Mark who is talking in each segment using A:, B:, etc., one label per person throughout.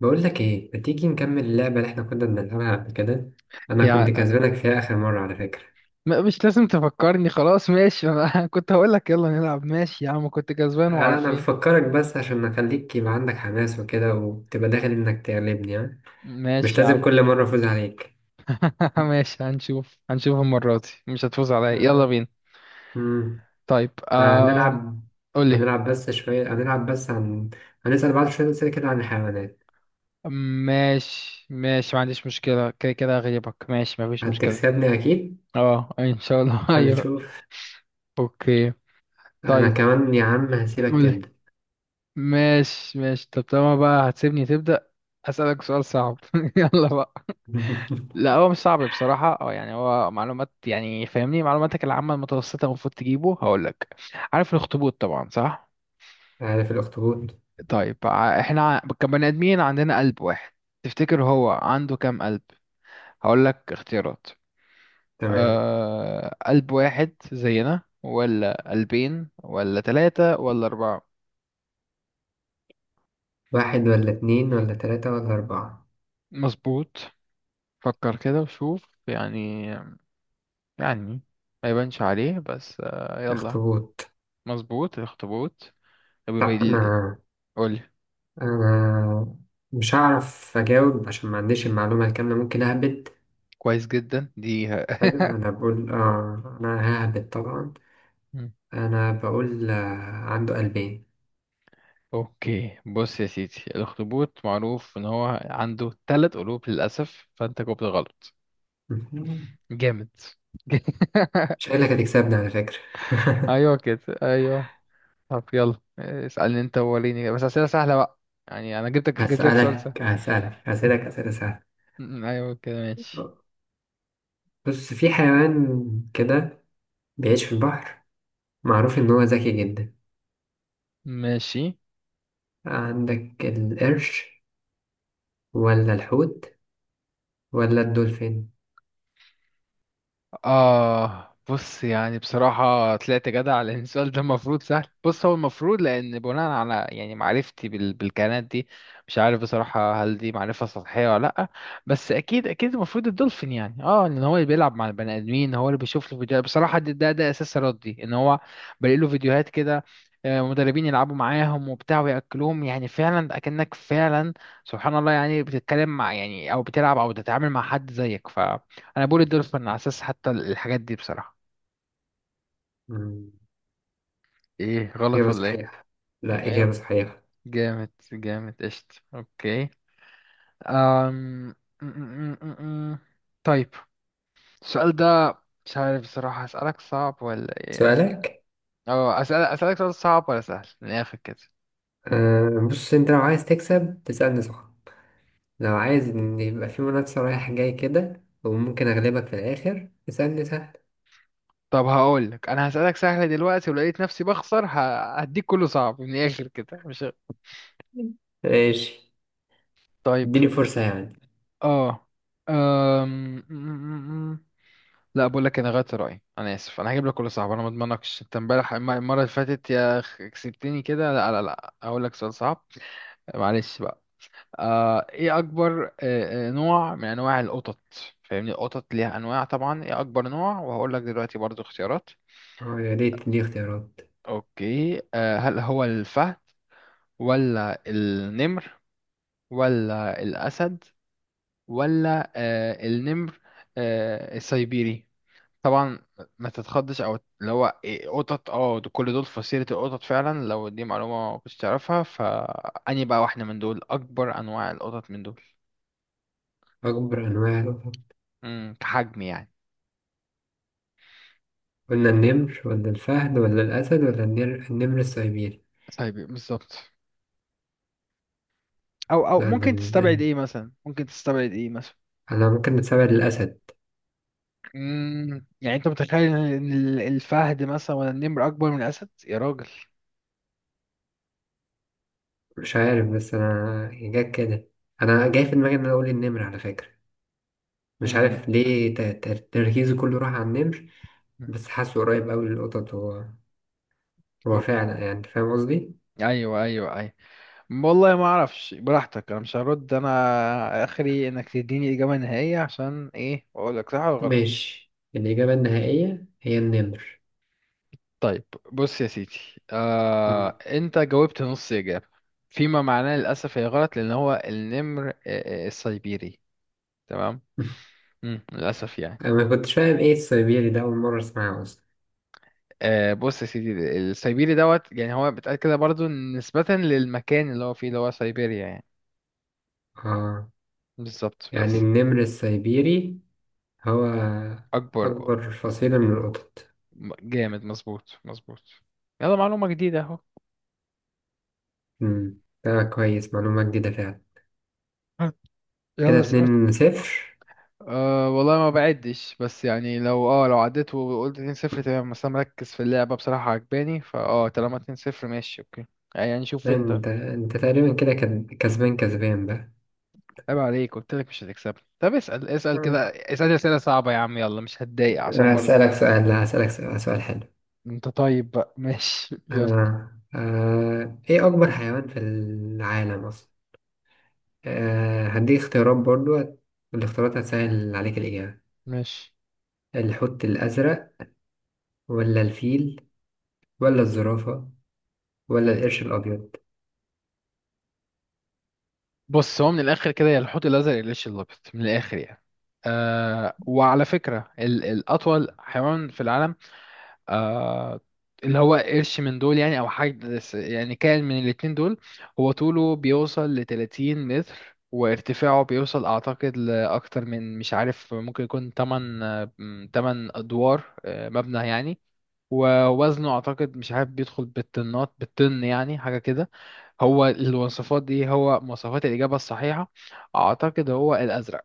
A: بقول لك ايه؟ ما تيجي نكمل اللعبه اللي احنا كنا بنلعبها قبل كده. انا كنت
B: يعني
A: كسبانك فيها اخر مره على فكره.
B: مش لازم تفكرني. خلاص ماشي انا كنت هقول لك يلا نلعب. ماشي يا عم كنت كسبان
A: انا
B: وعارفين.
A: بفكرك بس عشان اخليك يبقى عندك حماس وكده وتبقى داخل انك تغلبني ها. مش
B: ماشي يا
A: لازم
B: عم.
A: كل مره افوز عليك.
B: ماشي، هنشوف هنشوف المرة دي مش هتفوز عليا، يلا
A: آه.
B: بينا.
A: مم.
B: طيب
A: هنلعب.
B: قولي.
A: هنلعب بس شويه. هنلعب بس عن هنسال بعض شويه اسئله كده عن الحيوانات.
B: ماشي ماشي، ما عنديش مشكلة، كده كده هغلبك، ماشي ما فيش مشكلة.
A: هتكسبني اكيد.
B: اه ان شاء الله ايوه.
A: هنشوف.
B: اوكي.
A: انا
B: طيب.
A: كمان يا عم هسيبك
B: قولي.
A: تبدا.
B: ماشي ماشي، طب طالما بقى هتسيبني تبدأ أسألك سؤال صعب يلا بقى. لا هو مش صعب بصراحة، اه يعني هو معلومات، يعني فاهمني معلوماتك العامة المتوسطة المفروض تجيبه. هقولك. عارف الأخطبوط طبعا صح؟
A: عارف الاخطبوط.
B: طيب، احنا كبني آدمين عندنا قلب واحد. تفتكر هو عنده كام قلب؟ هقولك اختيارات.
A: تمام.
B: أه، قلب واحد زينا، ولا قلبين، ولا ثلاثة، ولا أربعة؟
A: واحد ولا اتنين ولا تلاتة ولا أربعة.
B: مظبوط. فكر كده وشوف يعني. يعني ما يبانش عليه بس آه، يلا.
A: اخطبوط.
B: مظبوط، الأخطبوط. طب
A: لا،
B: يبقى-
A: انا
B: قولي.
A: انا مش هعرف اجاوب عشان ما عنديش المعلومه الكامله، ممكن اهبد.
B: كويس جدا دي
A: حلو، انا بقول اه، انا ههبد طبعا.
B: مم.
A: انا بقول آه، عنده قلبين.
B: اوكي، بص يا سيدي، الاخطبوط معروف ان هو عنده ثلاث قلوب، للاسف فانت جاوبت غلط. جامد.
A: شكلك هتكسبني على فكره.
B: ايوه كده ايوه. طب يلا اسالني انت، وريني بس اسئله سهله بقى. يعني انا جبتك جبت لك سؤال سهل.
A: هسألك أسئلة سهلة.
B: مم، ايوه كده ماشي.
A: بص، في حيوان كده بيعيش في البحر، معروف إن هو ذكي جدا.
B: ماشي.
A: عندك القرش ولا الحوت ولا الدولفين؟
B: آه، بص، يعني بصراحة طلعت جدع، لأن السؤال ده المفروض سهل. بص هو المفروض، لأن بناء على يعني معرفتي بالكائنات دي، مش عارف بصراحة هل دي معرفة سطحية ولا لأ. بس أكيد أكيد المفروض الدولفين، يعني اه إن هو اللي بيلعب مع البني آدمين، هو اللي بيشوف له فيديوهات بصراحة. ده أساس ردي، إن هو بلاقي له فيديوهات كده. آه، مدربين يلعبوا معاهم وبتاع ويأكلوهم، يعني فعلا أكنك فعلا سبحان الله يعني بتتكلم مع، يعني، أو بتلعب أو بتتعامل مع حد زيك. ف انا بقول الدولفين على اساس حتى الحاجات دي بصراحة.
A: مم،
B: ايه غلط
A: إجابة
B: ولا ايه؟
A: صحيحة. لا،
B: ايوه.
A: إجابة صحيحة.
B: جامد جامد قشط، اوكي. أم... م- م- م- م- م. طيب، السؤال ده. مش عارف بصراحة اسألك صعب ولا ايه،
A: سؤالك.
B: اه اسأل، اسألك سؤال صعب ولا سهل من الاخر كده؟
A: آه، بص، أنت لو عايز تكسب تسألني صح، لو عايز إن يبقى في منافسة رايح جاي كده وممكن أغلبك في الآخر تسألني سهل.
B: طب هقول لك، انا هسألك سهل دلوقتي ولقيت نفسي بخسر، هديك كله صعب من الاخر كده، مش؟
A: ماشي.
B: طيب.
A: اديني فرصة يعني.
B: اه. أم... م- م- م. لا بقول لك انا غيرت رايي، انا اسف، انا هجيب لك كل صعب. انا ما اضمنكش، انت امبارح المره اللي فاتت يا أخ كسبتني كده، لا لا لا، هقول لك سؤال صعب. معلش بقى. آه، ايه اكبر آه، آه، نوع من انواع القطط؟ فاهمني، القطط ليها انواع طبعا. ايه اكبر نوع؟ وهقول لك دلوقتي برضو اختيارات.
A: اه، يا ريت تديني اختيارات.
B: اوكي، آه، هل هو الفهد، ولا النمر، ولا الاسد، ولا آه النمر، آه السيبيري طبعا؟ ما تتخضش، او اللي هو إيه، قطط اه كل دول في فصيلة القطط فعلا، لو دي معلومة ما كنتش تعرفها، فأني بقى واحدة من دول، أكبر أنواع القطط من دول.
A: أكبر أنواع القطط؟
B: امم، كحجم يعني.
A: قلنا النمر ولا الفهد ولا الأسد ولا النمر، النمر السيبيري.
B: طيب. بالظبط. أو أو
A: لا،
B: ممكن تستبعد إيه مثلا، ممكن تستبعد إيه مثلا؟
A: أنا ممكن نتسابق للأسد.
B: امم، يعني أنت متخيل إن الفهد مثلا ولا النمر أكبر من الأسد يا راجل؟
A: مش عارف بس أنا جت كده. أنا جاي في دماغي إن أنا أقول النمر على فكرة. مش
B: إن.
A: عارف ليه، تركيزي كله راح على النمر. بس حاسه قريب أوي للقطط هو. هو
B: أو-
A: فعلا، يعني أنت فاهم قصدي؟
B: أيوه أيوه أيوه. والله ما اعرفش، براحتك، انا مش هرد، انا اخري انك تديني اجابة نهائية، عشان ايه، واقول لك صح ولا غلط.
A: ماشي، الإجابة النهائية هي النمر.
B: طيب، بص يا سيدي. آه،
A: مم.
B: انت جاوبت نص اجابة، فيما معناه للاسف هي غلط، لان هو النمر آه، آه، السيبيري. تمام. مم. للاسف يعني.
A: أنا ما كنتش فاهم إيه السيبيري ده، أول مرة أسمعه أصلا.
B: آه، بص يا سيدي، السيبيري دوت يعني هو بيتقال كده برضو نسبة للمكان اللي هو فيه، اللي هو سيبيريا يعني.
A: آه.
B: بالظبط،
A: يعني
B: بس.
A: النمر السيبيري هو
B: اكبر.
A: أكبر فصيلة من القطط.
B: جامد، مظبوط مظبوط. يلا، معلومة جديدة اهو.
A: مم. ده كويس، معلومة جديدة فعلا. كده
B: يلا اسأل.
A: 2-0.
B: أه والله ما بعدش، بس يعني لو اه لو عديت وقلت 2-0 تمام، بس انا مركز في اللعبة بصراحة عجباني، فاه، طالما 2-0 ماشي اوكي. يعني شوف
A: لا،
B: انت.
A: أنت تقريبا كده كسبان كسبان بقى.
B: عيب عليك، قلت لك مش هتكسبني، طب اسأل اسأل كده، اسأل أسئلة صعبة يا عم، يلا، مش هتضايق عشان
A: أنا
B: برضه.
A: هسألك سؤال، لا، هسألك سؤال سؤال حلو.
B: انت طيب بقى ماشي يلا.
A: ايه اكبر حيوان في العالم اصلا؟ هديك اختيارات برضو، والاختيارات هتسهل عليك الاجابة.
B: ماشي.
A: الحوت الازرق ولا الفيل ولا الزرافة ولا القرش الابيض؟
B: بص، هو من الاخر كده يا الحوت الازرق يا الليش الابيض، من الاخر يعني. أه، وعلى فكرة الاطول حيوان في العالم، آه، اللي هو قرش من دول يعني، او حاجة يعني كائن من الاتنين دول. هو طوله بيوصل ل 30 متر، وارتفاعه بيوصل اعتقد لاكتر من، مش عارف، ممكن يكون 8، 8 ادوار آه، مبنى يعني. ووزنه اعتقد مش عارف، بيدخل بالطنات بالطن يعني، حاجة كده. هو الوصفات دي، هو مواصفات الإجابة الصحيحة. أعتقد هو الأزرق،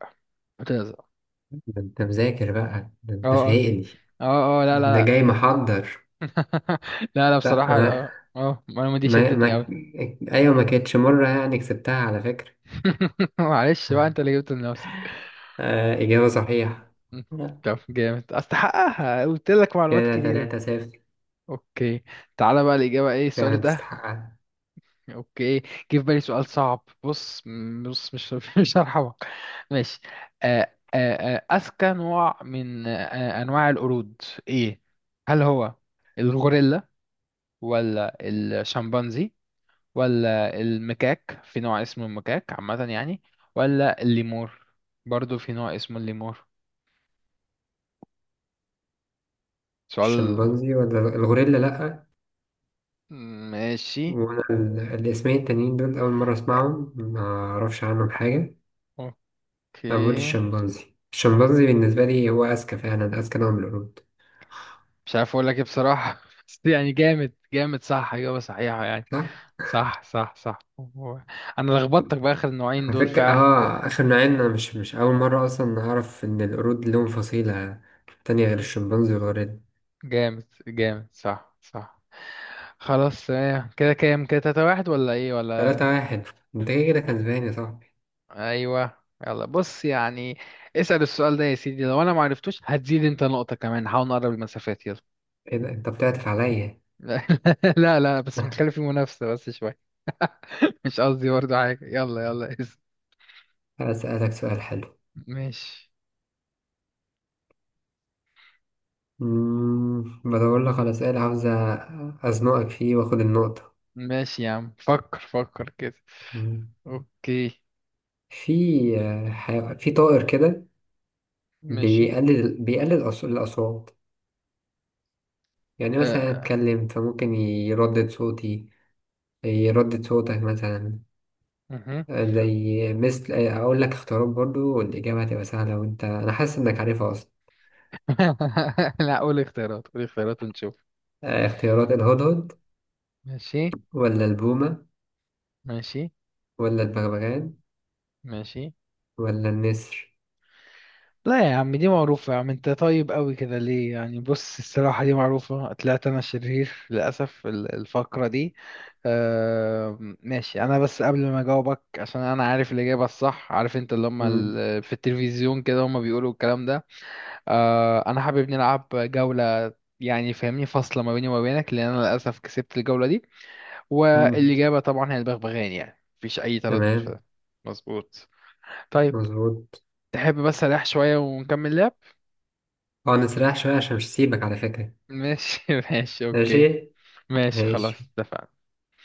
B: الأزرق.
A: ده انت مذاكر بقى، ده
B: اه
A: انت
B: اه.
A: فايقني.
B: اه اه لا
A: ده انت جاي
B: لا.
A: محضر.
B: لا لا،
A: لا
B: بصراحة
A: انا
B: اه اه المعلومة دي
A: ما،
B: شدتني
A: ما،
B: أوي.
A: ايوه ما كانتش مرة يعني كسبتها على فكرة.
B: معلش بقى أنت اللي جبته لنفسك.
A: آه، اجابة صحيحة.
B: م.
A: لا.
B: طب جامد، أستحقها، قلت لك معلومات
A: كده
B: كتيرة.
A: 3-0.
B: أوكي. تعالى بقى، الإجابة إيه السؤال
A: فعلا
B: ده؟
A: تستحقها.
B: أوكي، جه في بالي سؤال صعب. بص بص مش مش هرحمك. ماشي. آه، آه، آه، أذكى نوع من آه، آه، أنواع القرود، إيه؟ هل هو الغوريلا، ولا الشمبانزي، ولا المكاك، في نوع اسمه المكاك عامة يعني، ولا الليمور، برضو في نوع اسمه الليمور. سؤال.
A: الشمبانزي ولا الغوريلا؟ لأ.
B: ماشي.
A: وانا الاسمين التانيين دول اول مره اسمعهم، ما اعرفش عنهم حاجه. أنا بقول
B: اوكي.
A: الشمبانزي، الشمبانزي بالنسبه لي هو اذكى، فعلا اذكى نوع من القرود.
B: مش عارف اقول لك ايه بصراحة بس يعني جامد جامد، صح اجابة صحيحة يعني.
A: صح.
B: صح صح صح. هو- انا لخبطتك باخر النوعين
A: على
B: دول
A: فكره،
B: فعلا.
A: اخر نوعين انا مش اول مره اصلا اعرف ان القرود لهم فصيله تانية غير الشمبانزي والغوريلا.
B: جامد جامد صح صح. خلاص، آه، كده كام، كده تلاتة واحد ولا ايه ولا؟
A: 3-1. انت كده كده كسبان يا صاحبي.
B: ايوه. يلا بص يعني، اسأل السؤال ده يا سيدي، لو انا ما عرفتوش هتزيد انت نقطة كمان، نحاول نقرب المسافات يلا.
A: ايه ده، انت بتعطف عليا.
B: لا. لا لا، بس متخلي في منافسة بس شوية. مش قصدي برضه حاجة، يلا يلا اسأل.
A: اسالك سؤال حلو.
B: ماشي.
A: بدور لك على سؤال عاوز ازنقك فيه واخد النقطه.
B: ماشي يا عم، فكر فكر كده. اوكي.
A: في في طائر كده
B: ماشي.
A: بيقلل الأصوات، يعني مثلا
B: أه.
A: أتكلم فممكن يردد صوتي، يردد صوتك مثلا.
B: مهم.
A: آه، زي مثل، أقول لك اختيارات برضو والإجابة هتبقى سهلة وأنت، أنا حاسس إنك عارفها أصلا.
B: لا قول اختيارات، قول اختيارات ونشوف.
A: آه، اختيارات: الهدهد
B: ماشي.
A: ولا البومة
B: ماشي.
A: ولا البغبغان
B: ماشي.
A: ولا النسر؟
B: لا يا عم دي معروفة يا عم، انت طيب قوي كده ليه يعني؟ بص الصراحة دي معروفة، طلعت انا شرير للأسف الفقرة دي. آه ماشي. انا بس قبل ما اجاوبك، عشان انا عارف الإجابة الصح، عارف انت اللي هم
A: مم.
B: في التلفزيون كده هم بيقولوا الكلام ده. آه انا حابب نلعب جولة، يعني فاهمني، فاصلة ما بيني وما بينك، لأن أنا للأسف كسبت الجولة دي.
A: مم.
B: والإجابة طبعا هي البغبغان، يعني مفيش أي تردد في
A: تمام.
B: ده. مظبوط. طيب.
A: مظبوط.
B: تحب بس أريح شوية ونكمل لعب؟
A: اه، نسرح شوية عشان مش هسيبك على فكرة.
B: ماشي ماشي اوكي.
A: ماشي
B: ماشي خلاص
A: ماشي.
B: اتفقنا.